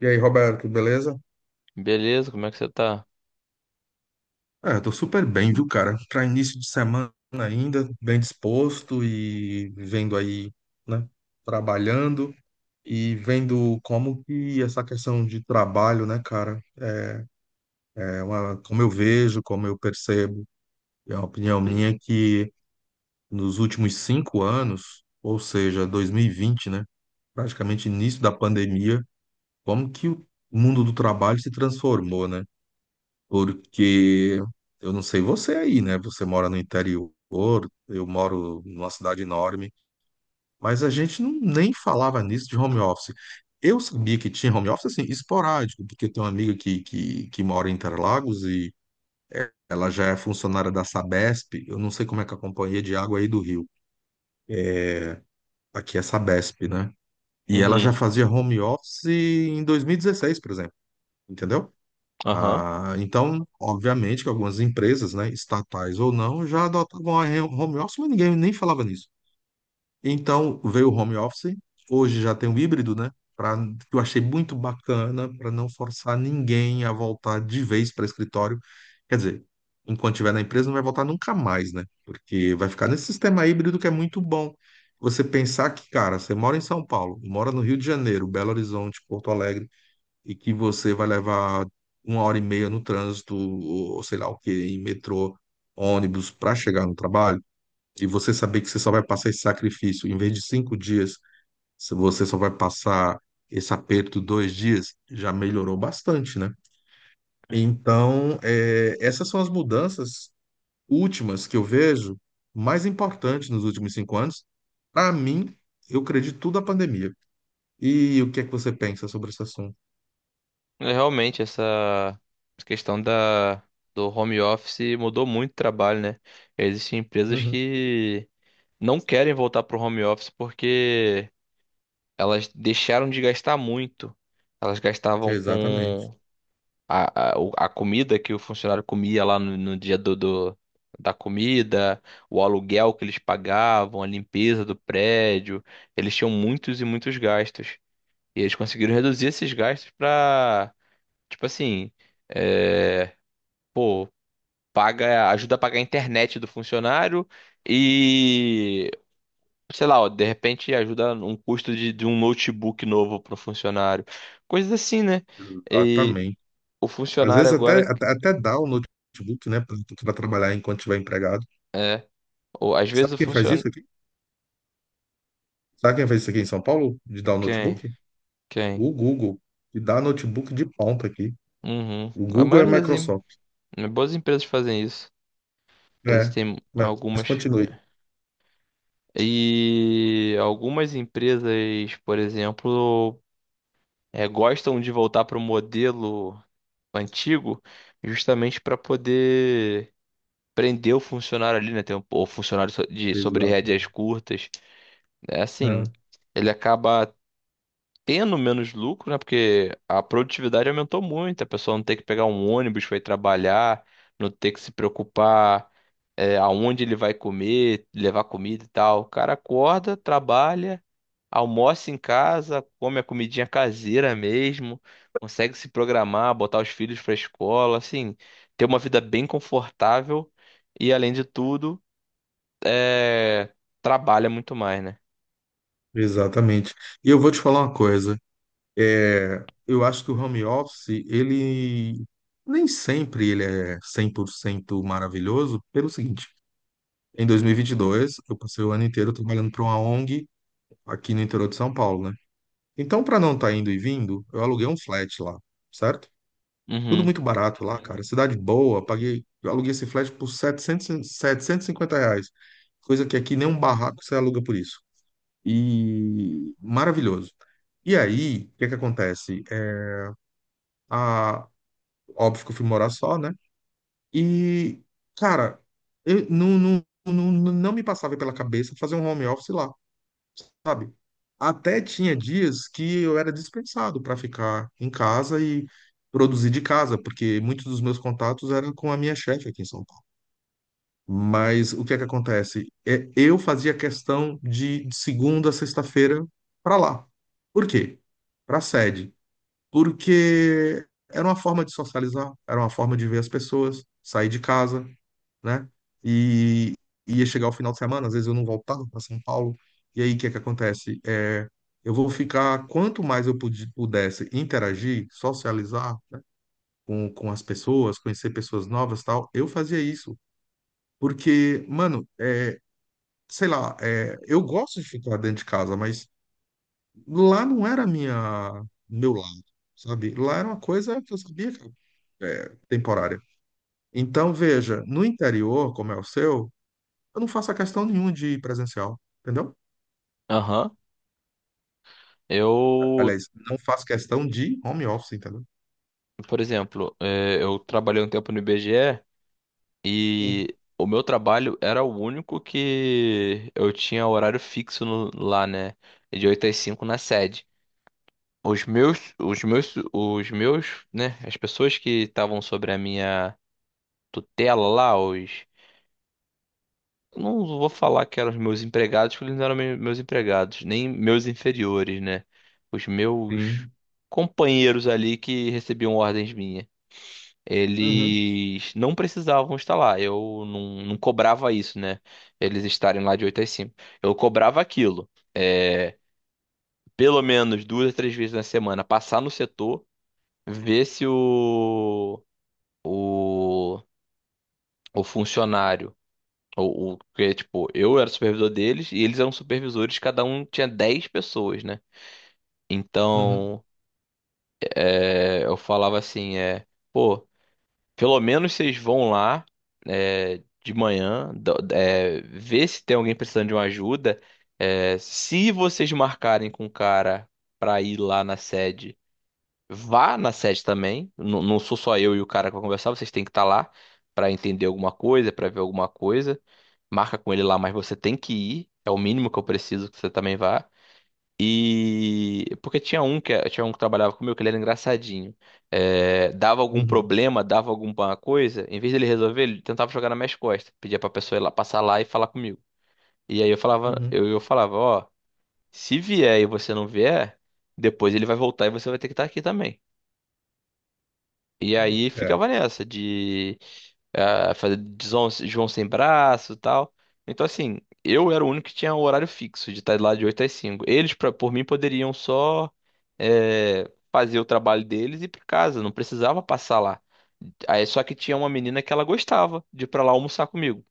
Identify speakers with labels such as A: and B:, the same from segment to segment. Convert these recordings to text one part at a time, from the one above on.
A: E aí, Roberto, beleza?
B: Beleza, como é que você tá?
A: Eu tô super bem, viu, cara? Para início de semana ainda, bem disposto e vendo aí, né, trabalhando e vendo como que essa questão de trabalho, né, cara, é uma, como eu vejo, como eu percebo, é uma opinião minha é que nos últimos 5 anos, ou seja, 2020, né, praticamente início da pandemia, como que o mundo do trabalho se transformou, né? Porque eu não sei você aí, né? Você mora no interior, eu moro numa cidade enorme, mas a gente não, nem falava nisso de home office. Eu sabia que tinha home office, assim, esporádico, porque tem uma amiga que mora em Interlagos e ela já é funcionária da Sabesp. Eu não sei como é que é a Companhia de Água aí do Rio, aqui é Sabesp, né? E ela já
B: Uhum.
A: fazia home office em 2016, por exemplo, entendeu?
B: Aham.
A: Ah, então, obviamente que algumas empresas, né, estatais ou não, já adotavam home office, mas ninguém nem falava nisso. Então, veio o home office, hoje já tem o híbrido, né, que eu achei muito bacana para não forçar ninguém a voltar de vez para escritório. Quer dizer, enquanto estiver na empresa, não vai voltar nunca mais, né, porque vai ficar nesse sistema híbrido que é muito bom. Você pensar que, cara, você mora em São Paulo, mora no Rio de Janeiro, Belo Horizonte, Porto Alegre e que você vai levar uma hora e meia no trânsito, ou sei lá o que, em metrô, ônibus, para chegar no trabalho, e você saber que você só vai passar esse sacrifício, em vez de 5 dias, se você só vai passar esse aperto 2 dias, já melhorou bastante, né? Então, essas são as mudanças últimas que eu vejo mais importantes nos últimos 5 anos. Para mim, eu acredito tudo à pandemia. E o que é que você pensa sobre esse assunto?
B: É, realmente, essa questão do home office mudou muito o trabalho, né? Existem empresas
A: Uhum,
B: que não querem voltar pro home office porque elas deixaram de gastar muito. Elas gastavam
A: exatamente.
B: com a comida que o funcionário comia lá no dia da comida, o aluguel que eles pagavam, a limpeza do prédio. Eles tinham muitos e muitos gastos. E eles conseguiram reduzir esses gastos pra, tipo assim, é, pô, ajuda a pagar a internet do funcionário e, sei lá, ó, de repente ajuda um custo de um notebook novo pro funcionário. Coisas assim, né? E
A: Exatamente.
B: o
A: Às
B: funcionário
A: vezes
B: agora,
A: até dá o notebook, né, para trabalhar enquanto estiver empregado.
B: é, ou às vezes
A: Sabe
B: o
A: quem faz isso
B: funcionário.
A: aqui? Sabe quem faz isso aqui em São Paulo, de dar o
B: Quem?
A: notebook?
B: Quem?
A: O Google, que dá notebook de ponta aqui.
B: Uhum.
A: O
B: A
A: Google é a
B: maioria das
A: Microsoft.
B: boas empresas fazem isso.
A: É,
B: Existem
A: mas
B: algumas.
A: continue.
B: E algumas empresas, por exemplo, gostam de voltar para o modelo antigo justamente para poder prender o funcionário ali, né? Tem o funcionário de sobre
A: Exato.
B: rédeas curtas. É assim,
A: É,
B: ele acaba tendo menos lucro, né? Porque a produtividade aumentou muito, a pessoa não tem que pegar um ônibus para ir trabalhar, não ter que se preocupar aonde ele vai comer, levar comida e tal. O cara acorda, trabalha, almoça em casa, come a comidinha caseira mesmo, consegue se programar, botar os filhos pra escola, assim, ter uma vida bem confortável e, além de tudo, é, trabalha muito mais, né?
A: exatamente. E eu vou te falar uma coisa. Eu acho que o home office, ele nem sempre ele é 100% maravilhoso, pelo seguinte. Em 2022, eu passei o ano inteiro trabalhando para uma ONG aqui no interior de São Paulo, né? Então, para não estar indo e vindo, eu aluguei um flat lá, certo? Tudo
B: Uhum.
A: muito barato lá, cara. Cidade boa, paguei, eu aluguei esse flat por 700, R$ 750, coisa que aqui nem um barraco você aluga por isso. E maravilhoso. E aí, o que que acontece? Óbvio que eu fui morar só, né? E, cara, eu não, não, não, não me passava pela cabeça fazer um home office lá. Sabe? Até tinha dias que eu era dispensado para ficar em casa e produzir de casa, porque muitos dos meus contatos eram com a minha chefe aqui em São Paulo. Mas o que é que acontece? Eu fazia questão de segunda a sexta-feira para lá. Por quê? Para a sede. Porque era uma forma de socializar, era uma forma de ver as pessoas, sair de casa, né? E ia chegar o final de semana, às vezes eu não voltava para São Paulo. E aí o que é que acontece? Eu vou ficar, quanto mais eu pudesse interagir, socializar com as pessoas, conhecer pessoas novas, tal, eu fazia isso. Porque, mano, sei lá, eu gosto de ficar dentro de casa, mas lá não era minha meu lado, sabe? Lá era uma coisa que eu sabia que era temporária. Então, veja, no interior, como é o seu, eu não faço a questão nenhuma de presencial, entendeu?
B: Aham. Eu,
A: Aliás, não faço questão de home office, entendeu?
B: por exemplo, é, eu trabalhei um tempo no IBGE e
A: Hum.
B: e o meu trabalho era o único que eu tinha horário fixo lá, né? De 8 às 5 na sede. Os meus, né? As pessoas que estavam sobre a minha tutela lá, os. Eu não vou falar que eram os meus empregados, porque eles não eram meus empregados, nem meus inferiores, né? Os meus
A: Sim.
B: companheiros ali que recebiam ordens minhas.
A: Uhum,
B: Eles não precisavam estar lá. Eu não cobrava isso, né? Eles estarem lá de 8 às cinco, eu cobrava aquilo. É, pelo menos 2 a 3 vezes na semana, passar no setor ver se o, o funcionário, ou o que, tipo, eu era supervisor deles e eles eram supervisores, cada um tinha 10 pessoas, né?
A: uhum,
B: Então, eu falava assim, pô, pelo menos vocês vão lá, de manhã, ver se tem alguém precisando de uma ajuda. É, se vocês marcarem com o cara pra ir lá na sede. Vá na sede também. Não, não sou só eu e o cara que vai conversar, vocês têm que estar lá para entender alguma coisa, para ver alguma coisa. Marca com ele lá, mas você tem que ir. É o mínimo que eu preciso que você também vá. E porque tinha um que trabalhava comigo que ele era engraçadinho. É, dava algum
A: uhum,
B: problema, dava alguma coisa, em vez dele resolver, ele tentava jogar nas minhas costas, pedia pra pessoa ir lá, passar lá e falar comigo. E aí eu falava,
A: uhum.
B: eu, eu falava, ó, se vier e você não vier, depois ele vai voltar e você vai ter que estar aqui também. E aí
A: É.
B: ficava nessa de fazer de João sem braço e tal. Então, assim, eu era o único que tinha um horário fixo de estar lá de 8 às cinco. Eles, por mim, poderiam só fazer o trabalho deles e ir pra casa, não precisava passar lá. Aí, só que tinha uma menina que ela gostava de ir pra lá almoçar comigo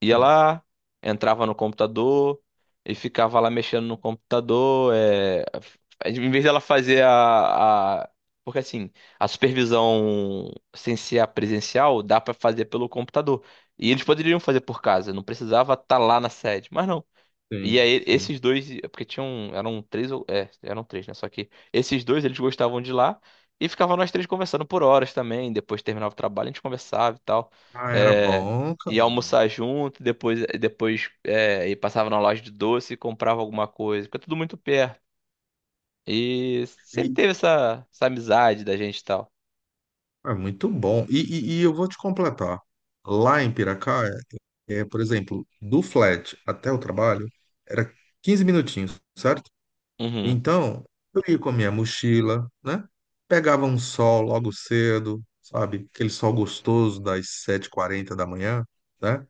B: ia
A: Hum.
B: lá, entrava no computador e ficava lá mexendo no computador. Em vez dela fazer. Porque assim, a supervisão sem ser a presencial dá pra fazer pelo computador. E eles poderiam fazer por casa, não precisava estar lá na sede. Mas não. E
A: Sim,
B: aí,
A: sim.
B: esses dois, é porque tinham, eram três, eram três, né? Só que esses dois, eles gostavam de lá e ficavam nós três conversando por horas também. Depois terminava o trabalho, a gente conversava e tal.
A: Ah, era
B: É,
A: bom, cara.
B: ia almoçar junto, depois, e passava na loja de doce e comprava alguma coisa, porque é tudo muito perto. E sempre
A: E,
B: teve essa amizade da gente e tal.
A: é muito bom. E eu vou te completar. Lá em Piracá, por exemplo, do flat até o trabalho, era 15 minutinhos, certo?
B: Uhum,
A: Então, eu ia com a minha mochila, né? Pegava um sol logo cedo, sabe? Aquele sol gostoso das sete h 40 da manhã, né?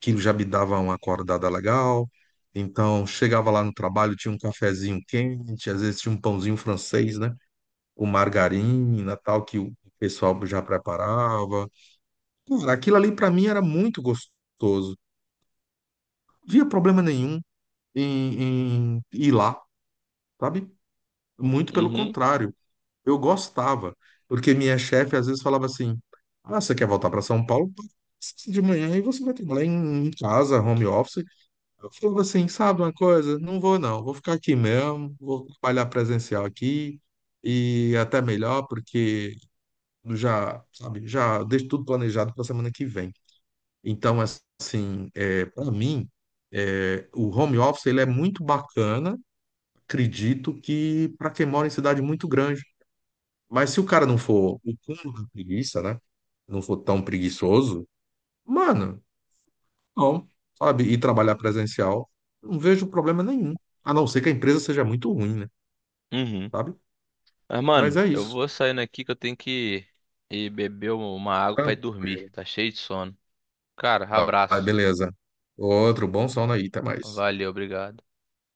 A: Que já me dava uma acordada legal. Então, chegava lá no trabalho, tinha um cafezinho quente, às vezes tinha um pãozinho francês, né? Com margarina, tal, que o pessoal já preparava. Cara, aquilo ali para mim era muito gostoso. Não havia problema nenhum em ir lá, sabe? Muito pelo
B: uhum,
A: contrário. Eu gostava, porque minha chefe às vezes falava assim: Ah, você quer voltar para São Paulo? De manhã e você vai trabalhar em casa, home office. Eu falava assim: Sabe uma coisa? Não vou, não. Vou ficar aqui mesmo, vou trabalhar presencial aqui e até melhor, porque já, sabe, já deixo tudo planejado para a semana que vem. Então, assim, para mim, o home office ele é muito bacana, acredito que para quem mora em cidade muito grande, mas se o cara não for o cúmulo da preguiça, né? Não for tão preguiçoso, mano, não, sabe? E trabalhar presencial, não vejo problema nenhum. A não ser que a empresa seja muito ruim, né?
B: uhum.
A: Sabe?
B: Mas,
A: Mas
B: mano,
A: é
B: eu
A: isso.
B: vou saindo aqui que eu tenho que ir beber uma água pra ir dormir.
A: Tranquilo.
B: Tá cheio de sono. Cara,
A: Ba-
B: abraço.
A: Beleza. Outro bom sono aí, até mais.
B: Valeu, obrigado.